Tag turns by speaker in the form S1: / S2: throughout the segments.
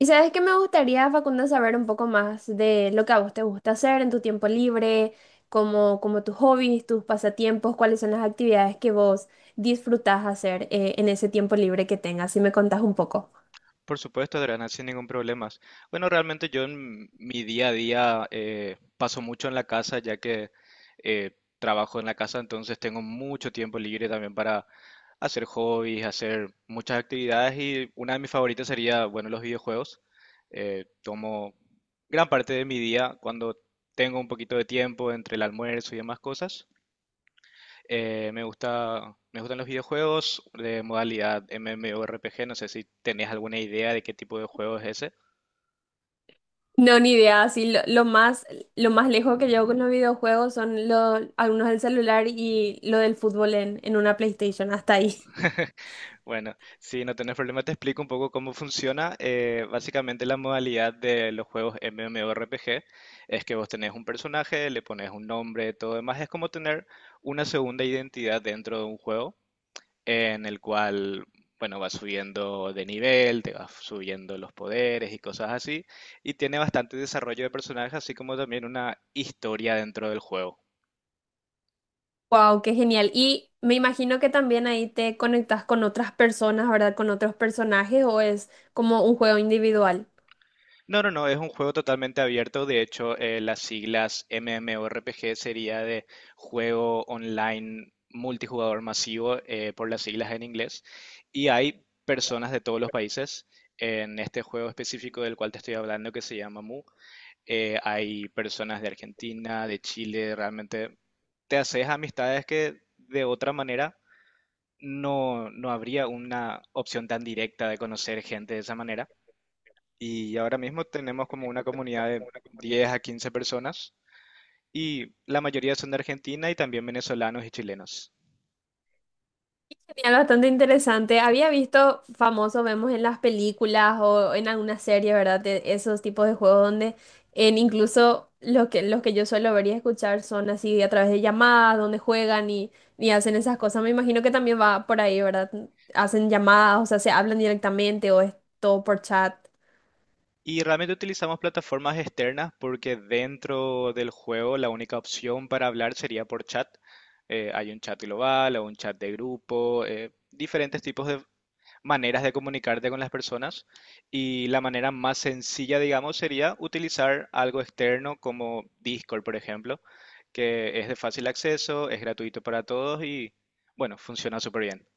S1: Y sabes que me gustaría, Facundo, saber un poco más de lo que a vos te gusta hacer en tu tiempo libre, como tus hobbies, tus pasatiempos, cuáles son las actividades que vos disfrutás hacer en ese tiempo libre que tengas, si me contás un poco.
S2: Por supuesto, Adriana, sin ningún problema. Bueno, realmente yo en mi día a día paso mucho en la casa, ya que eh, trabajo en la casa, entonces tengo mucho tiempo libre también para hacer hobbies, hacer muchas actividades y una de mis favoritas sería, bueno, los videojuegos. Tomo gran parte de mi día cuando tengo un poquito de tiempo entre el almuerzo y demás cosas. Me gustan los videojuegos de modalidad MMORPG. No sé si tenés alguna idea de qué tipo de juego es ese.
S1: No, ni idea, así lo más lejos que llevo con los videojuegos son algunos del celular y lo del fútbol en una PlayStation, hasta ahí.
S2: Bueno, si no tenés problema, te explico un poco cómo funciona. Básicamente, la modalidad de los juegos MMORPG es que vos tenés un personaje, le pones un nombre, todo demás. Es como tener una segunda identidad dentro de un juego, en el cual, bueno, vas subiendo de nivel, te vas subiendo los poderes y cosas así, y tiene bastante desarrollo de personajes, así como también una historia dentro del juego.
S1: Wow, qué genial. Y me imagino que también ahí te conectas con otras personas, ¿verdad? Con otros personajes o es como un juego individual.
S2: No, no, no, es un juego totalmente abierto. De hecho, las siglas MMORPG sería de juego online multijugador masivo por las siglas en inglés, y hay personas de todos los países en este juego específico del cual te estoy hablando que se llama Mu. Eh, hay personas de Argentina, de Chile, realmente te haces amistades que de otra manera no habría una opción tan directa de conocer gente de esa manera. Y ahora mismo tenemos como una comunidad de 10 a 15 personas, y la mayoría son de Argentina y también venezolanos y chilenos.
S1: Genial, bastante interesante. Había visto famoso, vemos en las películas o en alguna serie, ¿verdad? De esos tipos de juegos donde en incluso los que yo suelo ver y escuchar son así a través de llamadas, donde juegan y hacen esas cosas. Me imagino que también va por ahí, ¿verdad? Hacen llamadas, o sea, se hablan directamente o es todo por chat.
S2: Y realmente utilizamos plataformas externas porque dentro del juego la única opción para hablar sería por chat. Hay un chat global o un chat de grupo, diferentes tipos de maneras de comunicarte con las personas, y la manera más sencilla, digamos, sería utilizar algo externo como Discord, por ejemplo, que es de fácil acceso, es gratuito para todos y, bueno, funciona súper bien.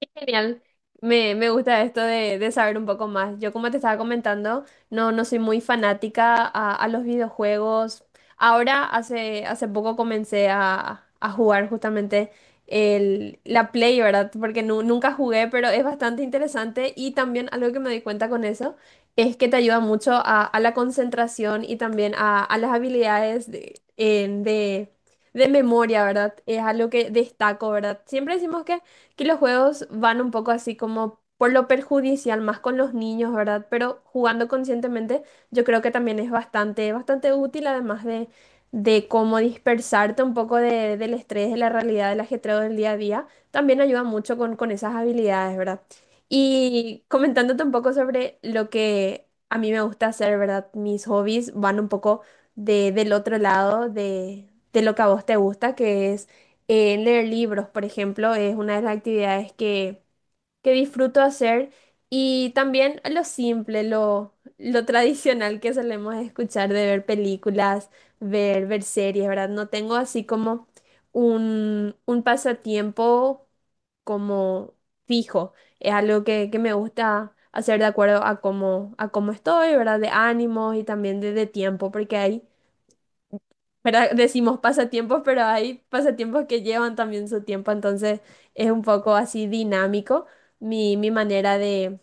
S1: Qué genial. Me gusta esto de saber un poco más. Yo, como te estaba comentando, no, no soy muy fanática a los videojuegos. Ahora, hace poco comencé a jugar justamente la Play, ¿verdad? Porque nunca jugué, pero es bastante interesante. Y también algo que me di cuenta con eso es que te ayuda mucho a la concentración y también a las habilidades de, en- de de memoria, ¿verdad? Es algo que destaco, ¿verdad? Siempre decimos que los juegos van un poco así como por lo perjudicial, más con los niños, ¿verdad? Pero jugando conscientemente, yo creo que también es bastante, bastante útil, además de cómo dispersarte un poco del estrés, de la realidad, del ajetreo del día a día, también ayuda mucho con esas habilidades, ¿verdad? Y comentándote un poco sobre lo que a mí me gusta hacer, ¿verdad? Mis hobbies van un poco del otro lado de lo que a vos te gusta, que es leer libros, por ejemplo, es una de las actividades que disfruto hacer. Y también lo simple, lo tradicional que solemos escuchar de ver películas, ver series, ¿verdad? No tengo así como un pasatiempo como fijo. Es algo que me gusta hacer de acuerdo a cómo estoy, ¿verdad? De ánimos y también de tiempo, porque hay ¿verdad? Decimos pasatiempos, pero hay pasatiempos que llevan también su tiempo, entonces es un poco así dinámico mi manera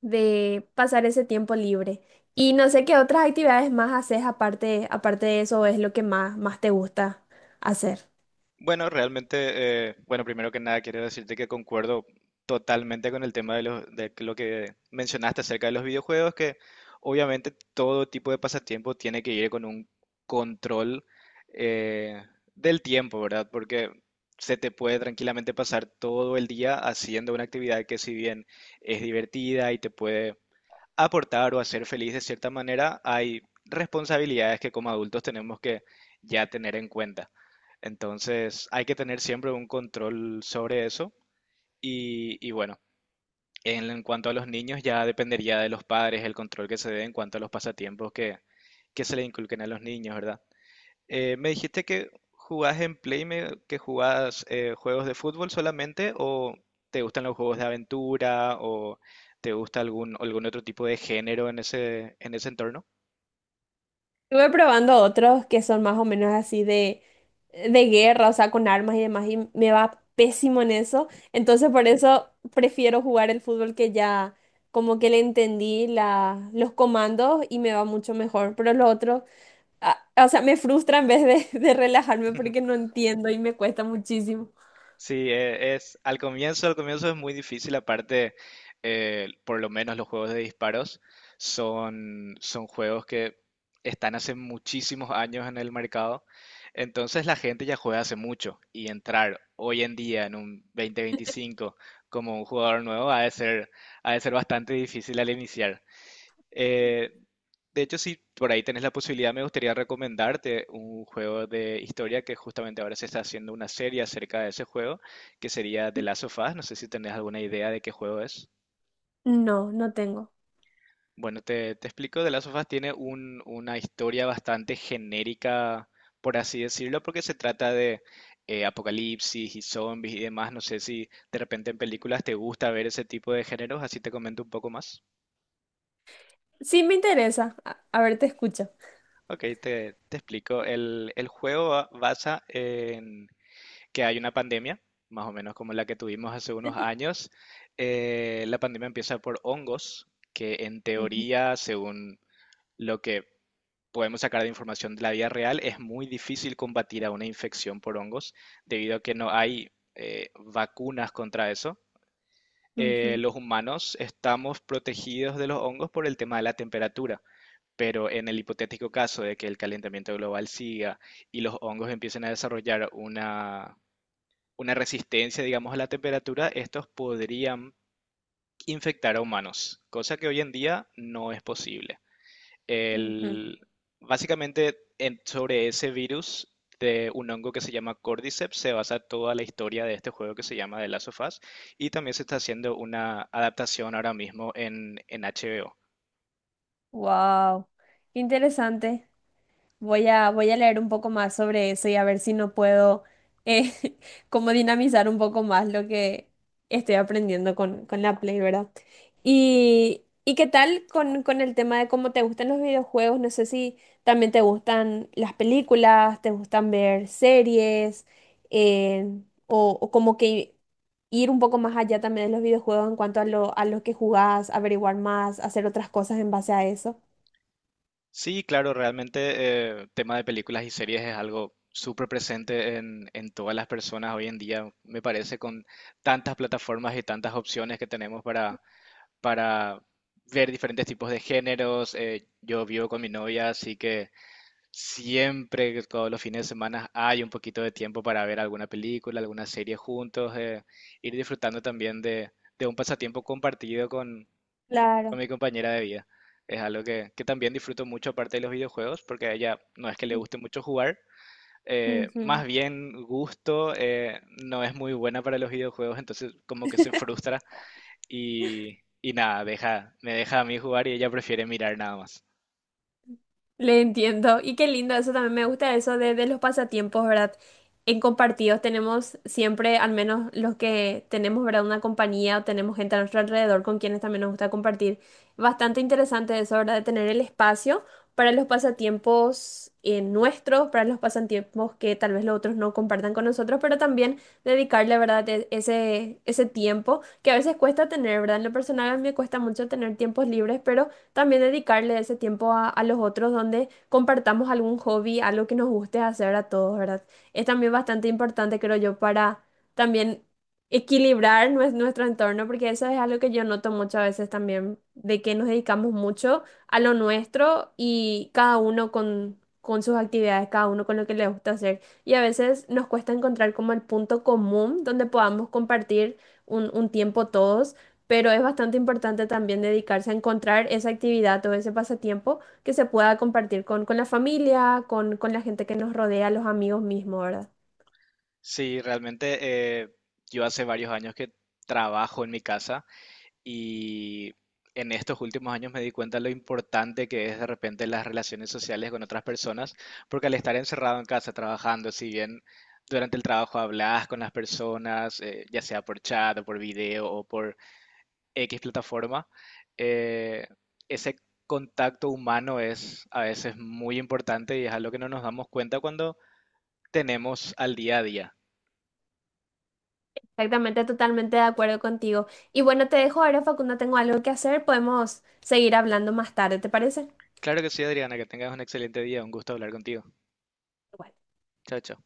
S1: de pasar ese tiempo libre. Y no sé qué otras actividades más haces aparte de eso, es lo que más, más te gusta hacer.
S2: Bueno, realmente, bueno, primero que nada quiero decirte que concuerdo totalmente con el tema de lo que mencionaste acerca de los videojuegos, que obviamente todo tipo de pasatiempo tiene que ir con un control eh, del tiempo, ¿verdad? Porque se te puede tranquilamente pasar todo el día haciendo una actividad que, si bien es divertida y te puede aportar o hacer feliz de cierta manera, hay responsabilidades que como adultos tenemos que ya tener en cuenta. Entonces, hay que tener siempre un control sobre eso. Y, bueno, en cuanto a los niños, ya dependería de los padres el control que se dé en cuanto a los pasatiempos que se le inculquen a los niños, ¿verdad? Me dijiste que jugás en Play, que jugás juegos de fútbol solamente, o te gustan los juegos de aventura, o te gusta algún otro tipo de género en ese entorno.
S1: Estuve probando otros que son más o menos así de guerra, o sea, con armas y demás, y me va pésimo en eso. Entonces, por eso prefiero jugar el fútbol que ya como que le entendí los comandos y me va mucho mejor. Pero los otros, ah, o sea, me frustra en vez de, de relajarme porque no entiendo y me cuesta muchísimo.
S2: Sí, es al comienzo es muy difícil. Aparte, por lo menos los juegos de disparos son juegos que están hace muchísimos años en el mercado, entonces la gente ya juega hace mucho, y entrar hoy en día en un 2025 como un jugador nuevo ha de ser bastante difícil al iniciar. Eh, de hecho, si por ahí tenés la posibilidad, me gustaría recomendarte un juego de historia que justamente ahora se está haciendo una serie acerca de ese juego, que sería The Last of Us. No sé si tenés alguna idea de qué juego es.
S1: No, no tengo.
S2: Bueno, te explico, The Last of Us tiene una historia bastante genérica, por así decirlo, porque se trata de apocalipsis y zombies y demás. No sé si de repente en películas te gusta ver ese tipo de géneros, así te comento un poco más.
S1: Sí, me interesa. A ver, te escucho.
S2: Ok, te explico. El juego basa en que hay una pandemia, más o menos como la que tuvimos hace unos años. La pandemia empieza por hongos, que en
S1: Ujú,
S2: teoría, según lo que podemos sacar de información de la vida real, es muy difícil combatir a una infección por hongos, debido a que no hay vacunas contra eso.
S1: ujú,
S2: Los humanos estamos protegidos de los hongos por el tema de la temperatura. Pero en el hipotético caso de que el calentamiento global siga y los hongos empiecen a desarrollar una resistencia, digamos, a la temperatura, estos podrían infectar a humanos, cosa que hoy en día no es posible.
S1: ujú.
S2: El, básicamente, sobre ese virus de un hongo que se llama Cordyceps se basa toda la historia de este juego que se llama The Last of Us, y también se está haciendo una adaptación ahora mismo en HBO.
S1: Wow, qué interesante. Voy a leer un poco más sobre eso y a ver si no puedo eh, como dinamizar un poco más lo que estoy aprendiendo con la Play, ¿verdad? Y ¿y qué tal con el tema de cómo te gustan los videojuegos? No sé si también te gustan las películas, te gustan ver series, eh, o como que ir un poco más allá también de los videojuegos en cuanto a lo que jugás, averiguar más, hacer otras cosas en base a eso.
S2: Sí, claro, realmente tema de películas y series es algo súper presente en todas las personas hoy en día, me parece, con tantas plataformas y tantas opciones que tenemos para ver diferentes tipos de géneros. Eh, yo vivo con mi novia, así que siempre, que todos los fines de semana, hay un poquito de tiempo para ver alguna película, alguna serie juntos, ir disfrutando también de un pasatiempo compartido con
S1: Claro.
S2: mi compañera de vida. Es algo que también disfruto mucho aparte de los videojuegos, porque a ella no es que le guste mucho jugar.
S1: Ujú.
S2: Más bien gusto, no es muy buena para los videojuegos, entonces como que se frustra y, nada, deja, me deja a mí jugar, y ella prefiere mirar nada más.
S1: Le entiendo. Y qué lindo, eso también me gusta eso de los pasatiempos, ¿verdad? En compartidos tenemos siempre, al menos los que tenemos, ¿verdad? Una compañía o tenemos gente a nuestro alrededor con quienes también nos gusta compartir. Bastante interesante eso, ¿verdad? De tener el espacio para los pasatiempos nuestros, para los pasatiempos que tal vez los otros no compartan con nosotros, pero también dedicarle, ¿verdad? Ese, ese tiempo que a veces cuesta tener, ¿verdad? En lo personal a mí me cuesta mucho tener tiempos libres, pero también dedicarle ese tiempo a los otros donde compartamos algún hobby, algo que nos guste hacer a todos, ¿verdad? Es también bastante importante, creo yo, para también equilibrar nuestro entorno, porque eso es algo que yo noto muchas veces también, de que nos dedicamos mucho a lo nuestro y cada uno con sus actividades, cada uno con lo que le gusta hacer. Y a veces nos cuesta encontrar como el punto común donde podamos compartir un tiempo todos pero es bastante importante también dedicarse a encontrar esa actividad o ese pasatiempo que se pueda compartir con la familia, con la gente que nos rodea, los amigos mismos, ¿verdad?
S2: Sí, realmente eh, yo hace varios años que trabajo en mi casa, y en estos últimos años me di cuenta lo importante que es de repente las relaciones sociales con otras personas, porque al estar encerrado en casa trabajando, si bien durante el trabajo hablas con las personas, ya sea por chat o por video o por X plataforma, eh, ese contacto humano es a veces muy importante y es algo que no nos damos cuenta cuando tenemos al día a día.
S1: Exactamente, totalmente de acuerdo contigo. Y bueno, te dejo ahora, Facundo, tengo algo que hacer, podemos seguir hablando más tarde, ¿te parece?
S2: Claro que sí, Adriana, que tengas un excelente día, un gusto hablar contigo.
S1: Igual.
S2: Chao, chao.